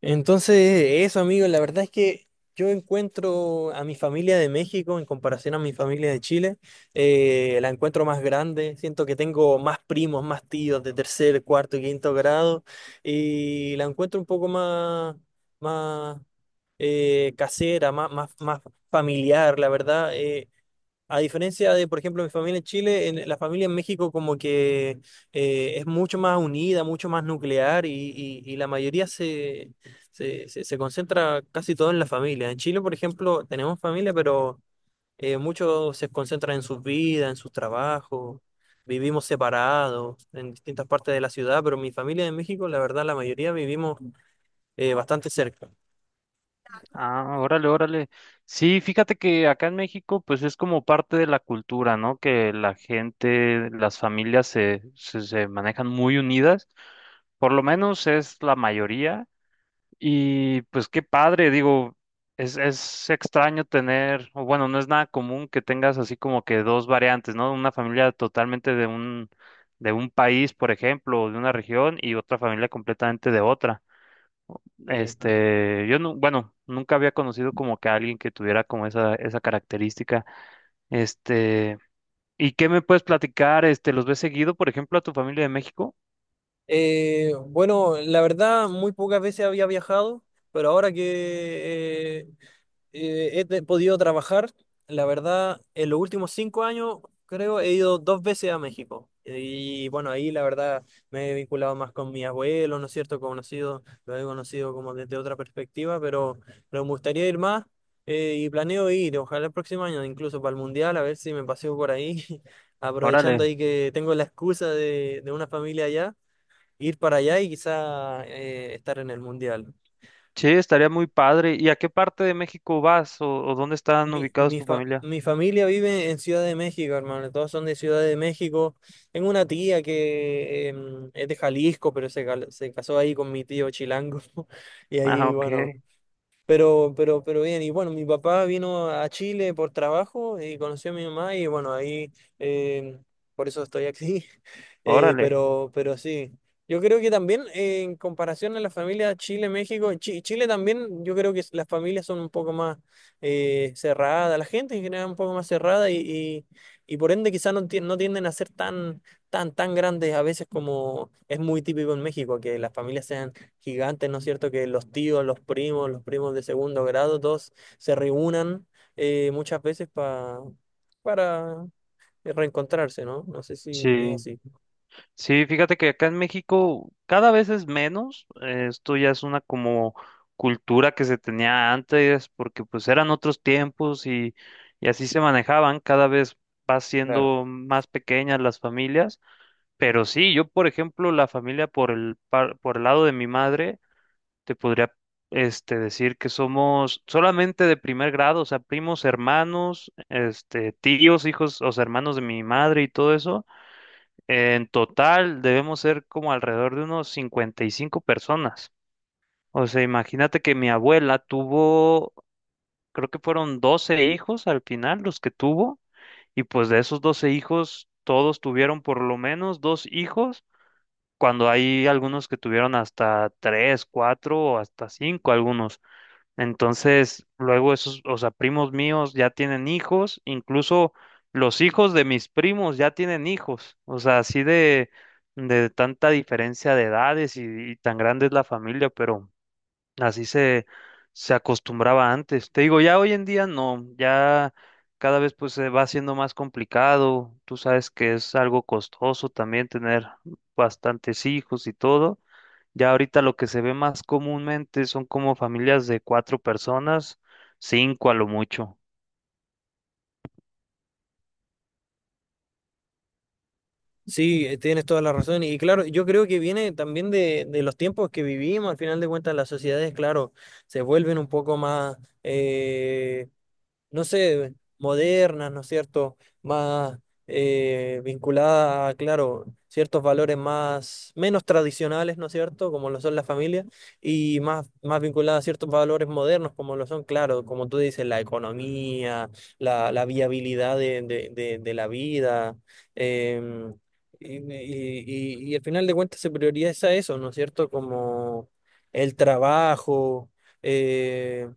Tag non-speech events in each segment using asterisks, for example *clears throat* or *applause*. Entonces, eso, amigo, la verdad es que yo encuentro a mi familia de México en comparación a mi familia de Chile. La encuentro más grande, siento que tengo más primos, más tíos de tercer, cuarto y quinto grado, y la encuentro un poco más, más casera, más familiar, la verdad. A diferencia de, por ejemplo, mi familia en Chile, la familia en México como que es mucho más unida, mucho más nuclear y la mayoría se concentra casi todo en la familia. En Chile, por ejemplo, tenemos familia, pero muchos se concentran en sus vidas, en sus trabajos, vivimos separados en distintas partes de la ciudad, pero mi familia en México, la verdad, la mayoría vivimos bastante cerca. Ah, órale, órale. Sí, fíjate que acá en México, pues es como parte de la cultura, ¿no? Que la gente, las familias se manejan muy unidas, por lo menos es la mayoría. Y pues qué padre, digo, es extraño tener, o bueno, no es nada común que tengas así como que dos variantes, ¿no? Una familia totalmente de un, país, por ejemplo, o de una región, y otra familia completamente de otra. Este, yo no, bueno, nunca había conocido como que a alguien que tuviera como esa característica. Este, ¿y qué me puedes platicar? Este, ¿los ves seguido, por ejemplo, a tu familia de México? Bueno, la verdad, muy pocas veces había viajado, pero ahora que he podido trabajar, la verdad, en los últimos 5 años creo he ido dos veces a México. Y bueno, ahí la verdad me he vinculado más con mi abuelo, ¿no es cierto? Conocido, lo he conocido como desde otra perspectiva, pero me gustaría ir más y planeo ir, ojalá el próximo año, incluso para el Mundial, a ver si me paseo por ahí, *laughs* aprovechando Órale. ahí que tengo la excusa de una familia allá ir para allá y quizá estar en el mundial. Sí, estaría muy padre. ¿Y a qué parte de México vas o dónde están Mi, ubicados mi, tu fa- familia? mi familia vive en Ciudad de México, hermano. Todos son de Ciudad de México. Tengo una tía que es de Jalisco, pero se casó ahí con mi tío chilango. *laughs* Y Ah, ahí, ok. bueno. Pero bien, y bueno, mi papá vino a Chile por trabajo y conoció a mi mamá y bueno, ahí eh, por eso estoy aquí. *laughs* Órale. Pero, sí, yo creo que también en comparación a la familia Chile-México, en Chile también yo creo que las familias son un poco más cerradas, la gente en general es un poco más cerrada y por ende quizás no, no tienden a ser tan grandes a veces como es muy típico en México, que las familias sean gigantes, ¿no es cierto? Que los tíos, los primos de segundo grado, todos se reúnan muchas veces para reencontrarse, ¿no? No sé si es Sí. así. Sí, fíjate que acá en México cada vez es menos. Esto ya es una como cultura que se tenía antes, porque pues eran otros tiempos y así se manejaban. Cada vez va siendo más pequeñas las familias. Pero sí, yo por ejemplo, la familia por el lado de mi madre, te podría decir que somos solamente de primer grado, o sea, primos, hermanos, este, tíos, hijos, o sea, hermanos de mi madre y todo eso en total debemos ser como alrededor de unos 55 personas. O sea, imagínate que mi abuela tuvo, creo que fueron 12 hijos al final los que tuvo, y pues de esos 12 hijos, todos tuvieron por lo menos dos hijos, cuando hay algunos que tuvieron hasta tres, cuatro o hasta cinco algunos. Entonces, luego esos, o sea, primos míos ya tienen hijos, incluso los hijos de mis primos ya tienen hijos, o sea, así de tanta diferencia de edades y tan grande es la familia, pero así se acostumbraba antes. Te digo, ya hoy en día no, ya cada vez pues se va haciendo más complicado, tú sabes que es algo costoso también tener bastantes hijos y todo. Ya ahorita lo que se ve más comúnmente son como familias de cuatro personas, cinco a lo mucho. Sí, tienes toda la razón. Y claro, yo creo que viene también de los tiempos que vivimos. Al final de cuentas, las sociedades, claro, se vuelven un poco más, eh, no sé, modernas, ¿no es cierto? Más vinculadas a, claro, ciertos valores más, menos tradicionales, ¿no es cierto? Como lo son las familias, y más vinculadas a ciertos valores modernos, como lo son, claro, como tú dices, la economía, la viabilidad de la vida. em, y, y, y al final de cuentas se prioriza eso, ¿no es cierto? Como el trabajo. eh,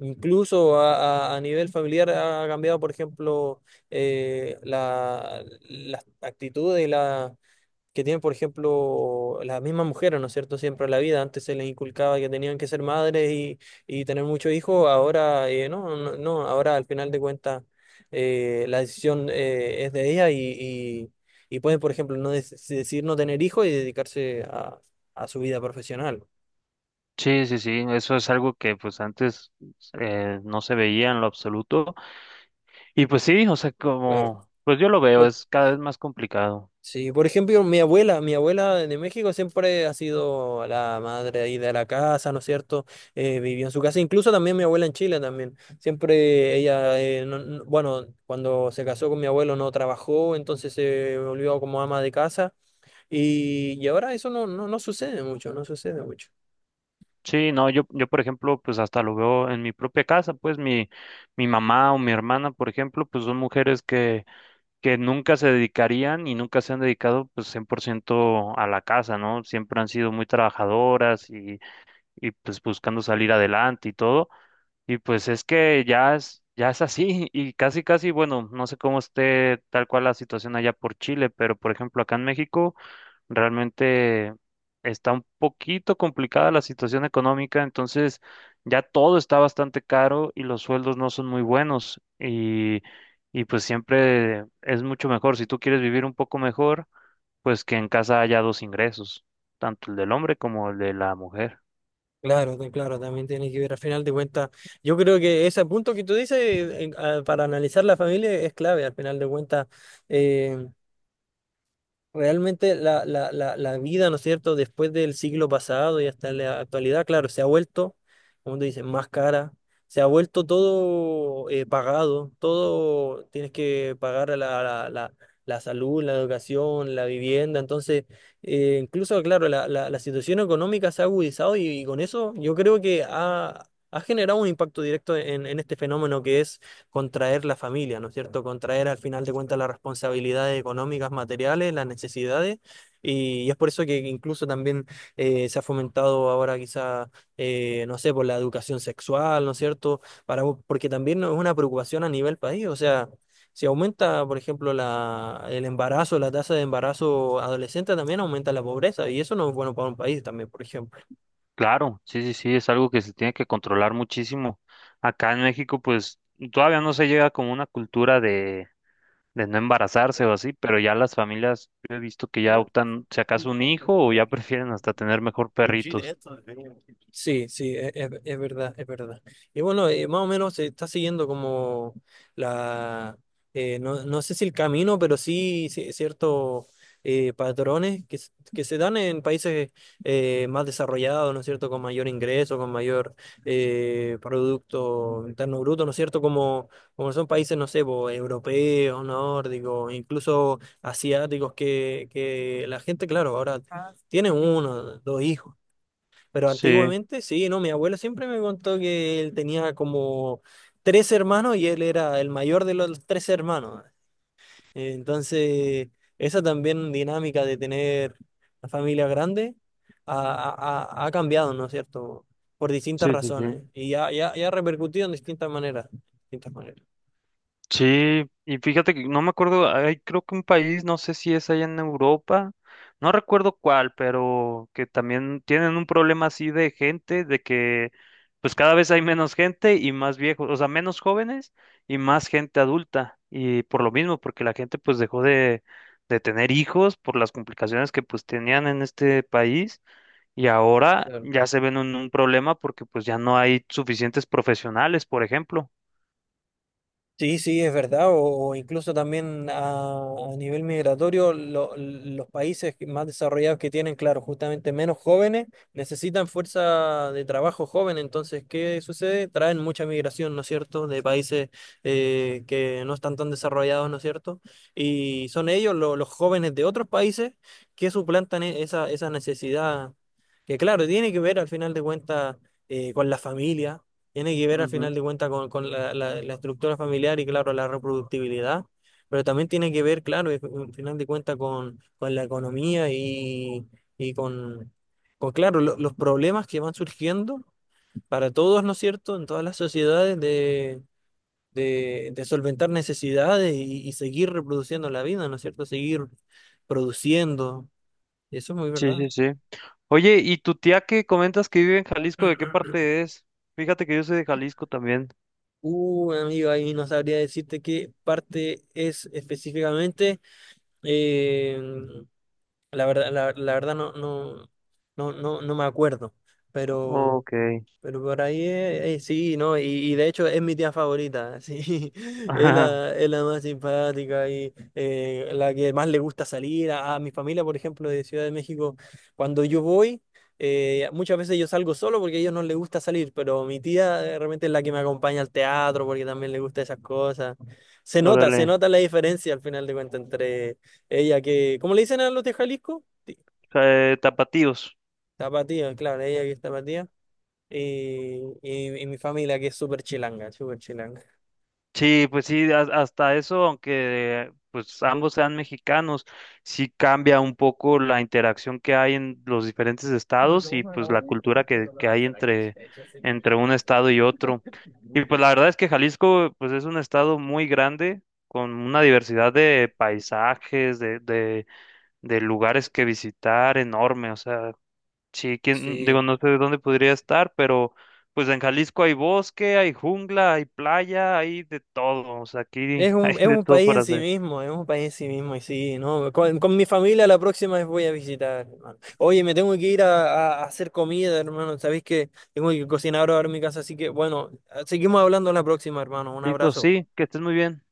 Incluso a nivel familiar ha cambiado, por ejemplo, eh, la- las actitudes que tienen, por ejemplo, las mismas mujeres, ¿no es cierto? Siempre en la vida. Antes se les inculcaba que tenían que ser madres y, tener muchos hijos. Ahora, no, no, no. Ahora, al final de cuentas, la decisión es de ellas y pueden, por ejemplo, no decidir no tener hijos y dedicarse a su vida profesional. Sí, sí, sí, eso es algo que pues antes no se veía en lo absoluto. Y pues sí, o sea, Claro. como, pues yo lo veo, Bueno, es cada vez más complicado. sí, por ejemplo, mi abuela de México siempre ha sido la madre ahí de la casa, ¿no es cierto? Vivió en su casa, incluso también mi abuela en Chile también. Siempre ella, bueno, cuando se casó con mi abuelo no trabajó, entonces se volvió como ama de casa y ahora eso no, no, no sucede mucho, no sucede mucho. Sí, no, yo por ejemplo, pues hasta lo veo en mi propia casa, pues mi, mamá o mi hermana, por ejemplo, pues son mujeres que nunca se dedicarían y nunca se han dedicado pues 100% a la casa, ¿no? Siempre han sido muy trabajadoras y pues buscando salir adelante y todo. Y pues es que ya es así *laughs* y casi, casi, bueno, no sé cómo esté tal cual la situación allá por Chile, pero por ejemplo acá en México realmente está un poquito complicada la situación económica, entonces ya todo está bastante caro y los sueldos no son muy buenos y pues siempre es mucho mejor, si tú quieres vivir un poco mejor, pues que en casa haya dos ingresos, tanto el del hombre como el de la mujer. Claro, también tiene que ver al final de cuentas. Yo creo que ese punto que tú dices para analizar la familia es clave al final de cuentas. Realmente la vida, ¿no es cierto?, después del siglo pasado y hasta la actualidad, claro, se ha vuelto, como tú dices, más cara, se ha vuelto todo pagado, todo tienes que pagar a la salud, la educación, la vivienda, entonces, incluso, claro, la situación económica se ha agudizado y con eso yo creo que ha generado un impacto directo en este fenómeno que es contraer la familia, ¿no es cierto? Contraer al final de cuentas las responsabilidades económicas, materiales, las necesidades. Y es por eso que incluso también se ha fomentado ahora quizá, no sé, por la educación sexual, ¿no es cierto? Para, porque también es una preocupación a nivel país, o sea. Si aumenta, por ejemplo, el embarazo, la tasa de embarazo adolescente, también aumenta la pobreza y eso no es bueno para un país también, por ejemplo. Claro, sí, sí, sí, es algo que se tiene que controlar muchísimo. Acá en México, pues todavía no se llega como una cultura de, no embarazarse o así, pero ya las familias, yo he visto que ya optan, si acaso un hijo, o ya *laughs* prefieren hasta tener mejor perritos. Sí, sí, es verdad, es verdad. Y bueno, más o menos se está siguiendo como la, no, no sé si el camino, pero sí, ciertos patrones que se dan en países más desarrollados, ¿no es cierto?, con mayor ingreso, con mayor Producto Interno Bruto, ¿no es cierto?, como son países, no sé, po, europeos, nórdicos, incluso asiáticos, que la gente, claro, ahora tiene uno, dos hijos. Pero Sí, antiguamente, sí, no, mi abuelo siempre me contó que él tenía como tres hermanos y él era el mayor de los tres hermanos. Entonces, esa también dinámica de tener la familia grande ha, ha cambiado, ¿no es cierto? Por distintas sí, sí, sí. razones y ya ha repercutido en distintas maneras, distintas maneras. Sí, y fíjate que no me acuerdo, hay creo que un país, no sé si es allá en Europa, no recuerdo cuál, pero que también tienen un problema así de gente, de que pues cada vez hay menos gente y más viejos, o sea, menos jóvenes y más gente adulta, y por lo mismo, porque la gente pues dejó de tener hijos por las complicaciones que pues tenían en este país y ahora ya se ven en un problema porque pues ya no hay suficientes profesionales, por ejemplo. Sí, sí, es verdad, o incluso también a nivel migratorio, los países más desarrollados que tienen, claro, justamente menos jóvenes, necesitan fuerza de trabajo joven, entonces, ¿qué sucede? Traen mucha migración, ¿no es cierto?, de países que no están tan desarrollados, ¿no es cierto? Y son ellos, los jóvenes de otros países, que suplantan esa necesidad, que claro, tiene que ver al final de cuentas con la familia, tiene que ver al final Ujú. de cuentas con, la estructura familiar y claro, la reproductibilidad, pero también tiene que ver, claro, y al final de cuentas con, la economía y con, claro, los problemas que van surgiendo para todos, ¿no es cierto?, en todas las sociedades de, solventar necesidades y seguir reproduciendo la vida, ¿no es cierto?, seguir produciendo. Eso es muy Sí, verdad. sí, sí. Oye, ¿y tu tía que comentas que vive en Jalisco, de qué *clears throat* parte es? Fíjate que yo soy de Jalisco también. Amigo, ahí no sabría decirte qué parte es específicamente. Eh, la verdad, la verdad no, no me acuerdo, pero Ok. *laughs* Por ahí, sí, ¿no? Y de hecho es mi tía favorita, sí. *laughs* Ajá, es la más simpática y la que más le gusta salir. A mi familia, por ejemplo, de Ciudad de México, cuando yo voy, muchas veces yo salgo solo porque a ellos no les gusta salir, pero mi tía realmente es la que me acompaña al teatro porque también le gusta esas cosas. Se órale. nota la diferencia al final de cuentas entre ella que, ¿cómo le dicen a los de Jalisco? Tapatíos. Tapatía, claro, ella que es tapatía y mi familia que es súper chilanga, súper chilanga. Sí, pues sí, hasta eso, aunque pues ambos sean mexicanos, sí cambia un poco la interacción que hay en los diferentes estados y pues la cultura que hay entre, entre un estado y otro. Y pues la verdad es que Jalisco pues es un estado muy grande, con una diversidad de paisajes, de lugares que visitar enorme, o sea, sí, quién, Sí, digo, no sé dónde podría estar, pero pues en Jalisco hay bosque, hay jungla, hay playa, hay de todo, o sea, aquí *laughs* hay es de un todo país en para sí hacer. mismo, es un país en sí mismo, y sí, ¿no? Con mi familia la próxima vez voy a visitar, hermano. Oye, me tengo que ir a hacer comida, hermano, sabéis que tengo que cocinar ahora en mi casa, así que bueno, seguimos hablando la próxima, hermano. Un Listo, abrazo. sí, que estés muy bien.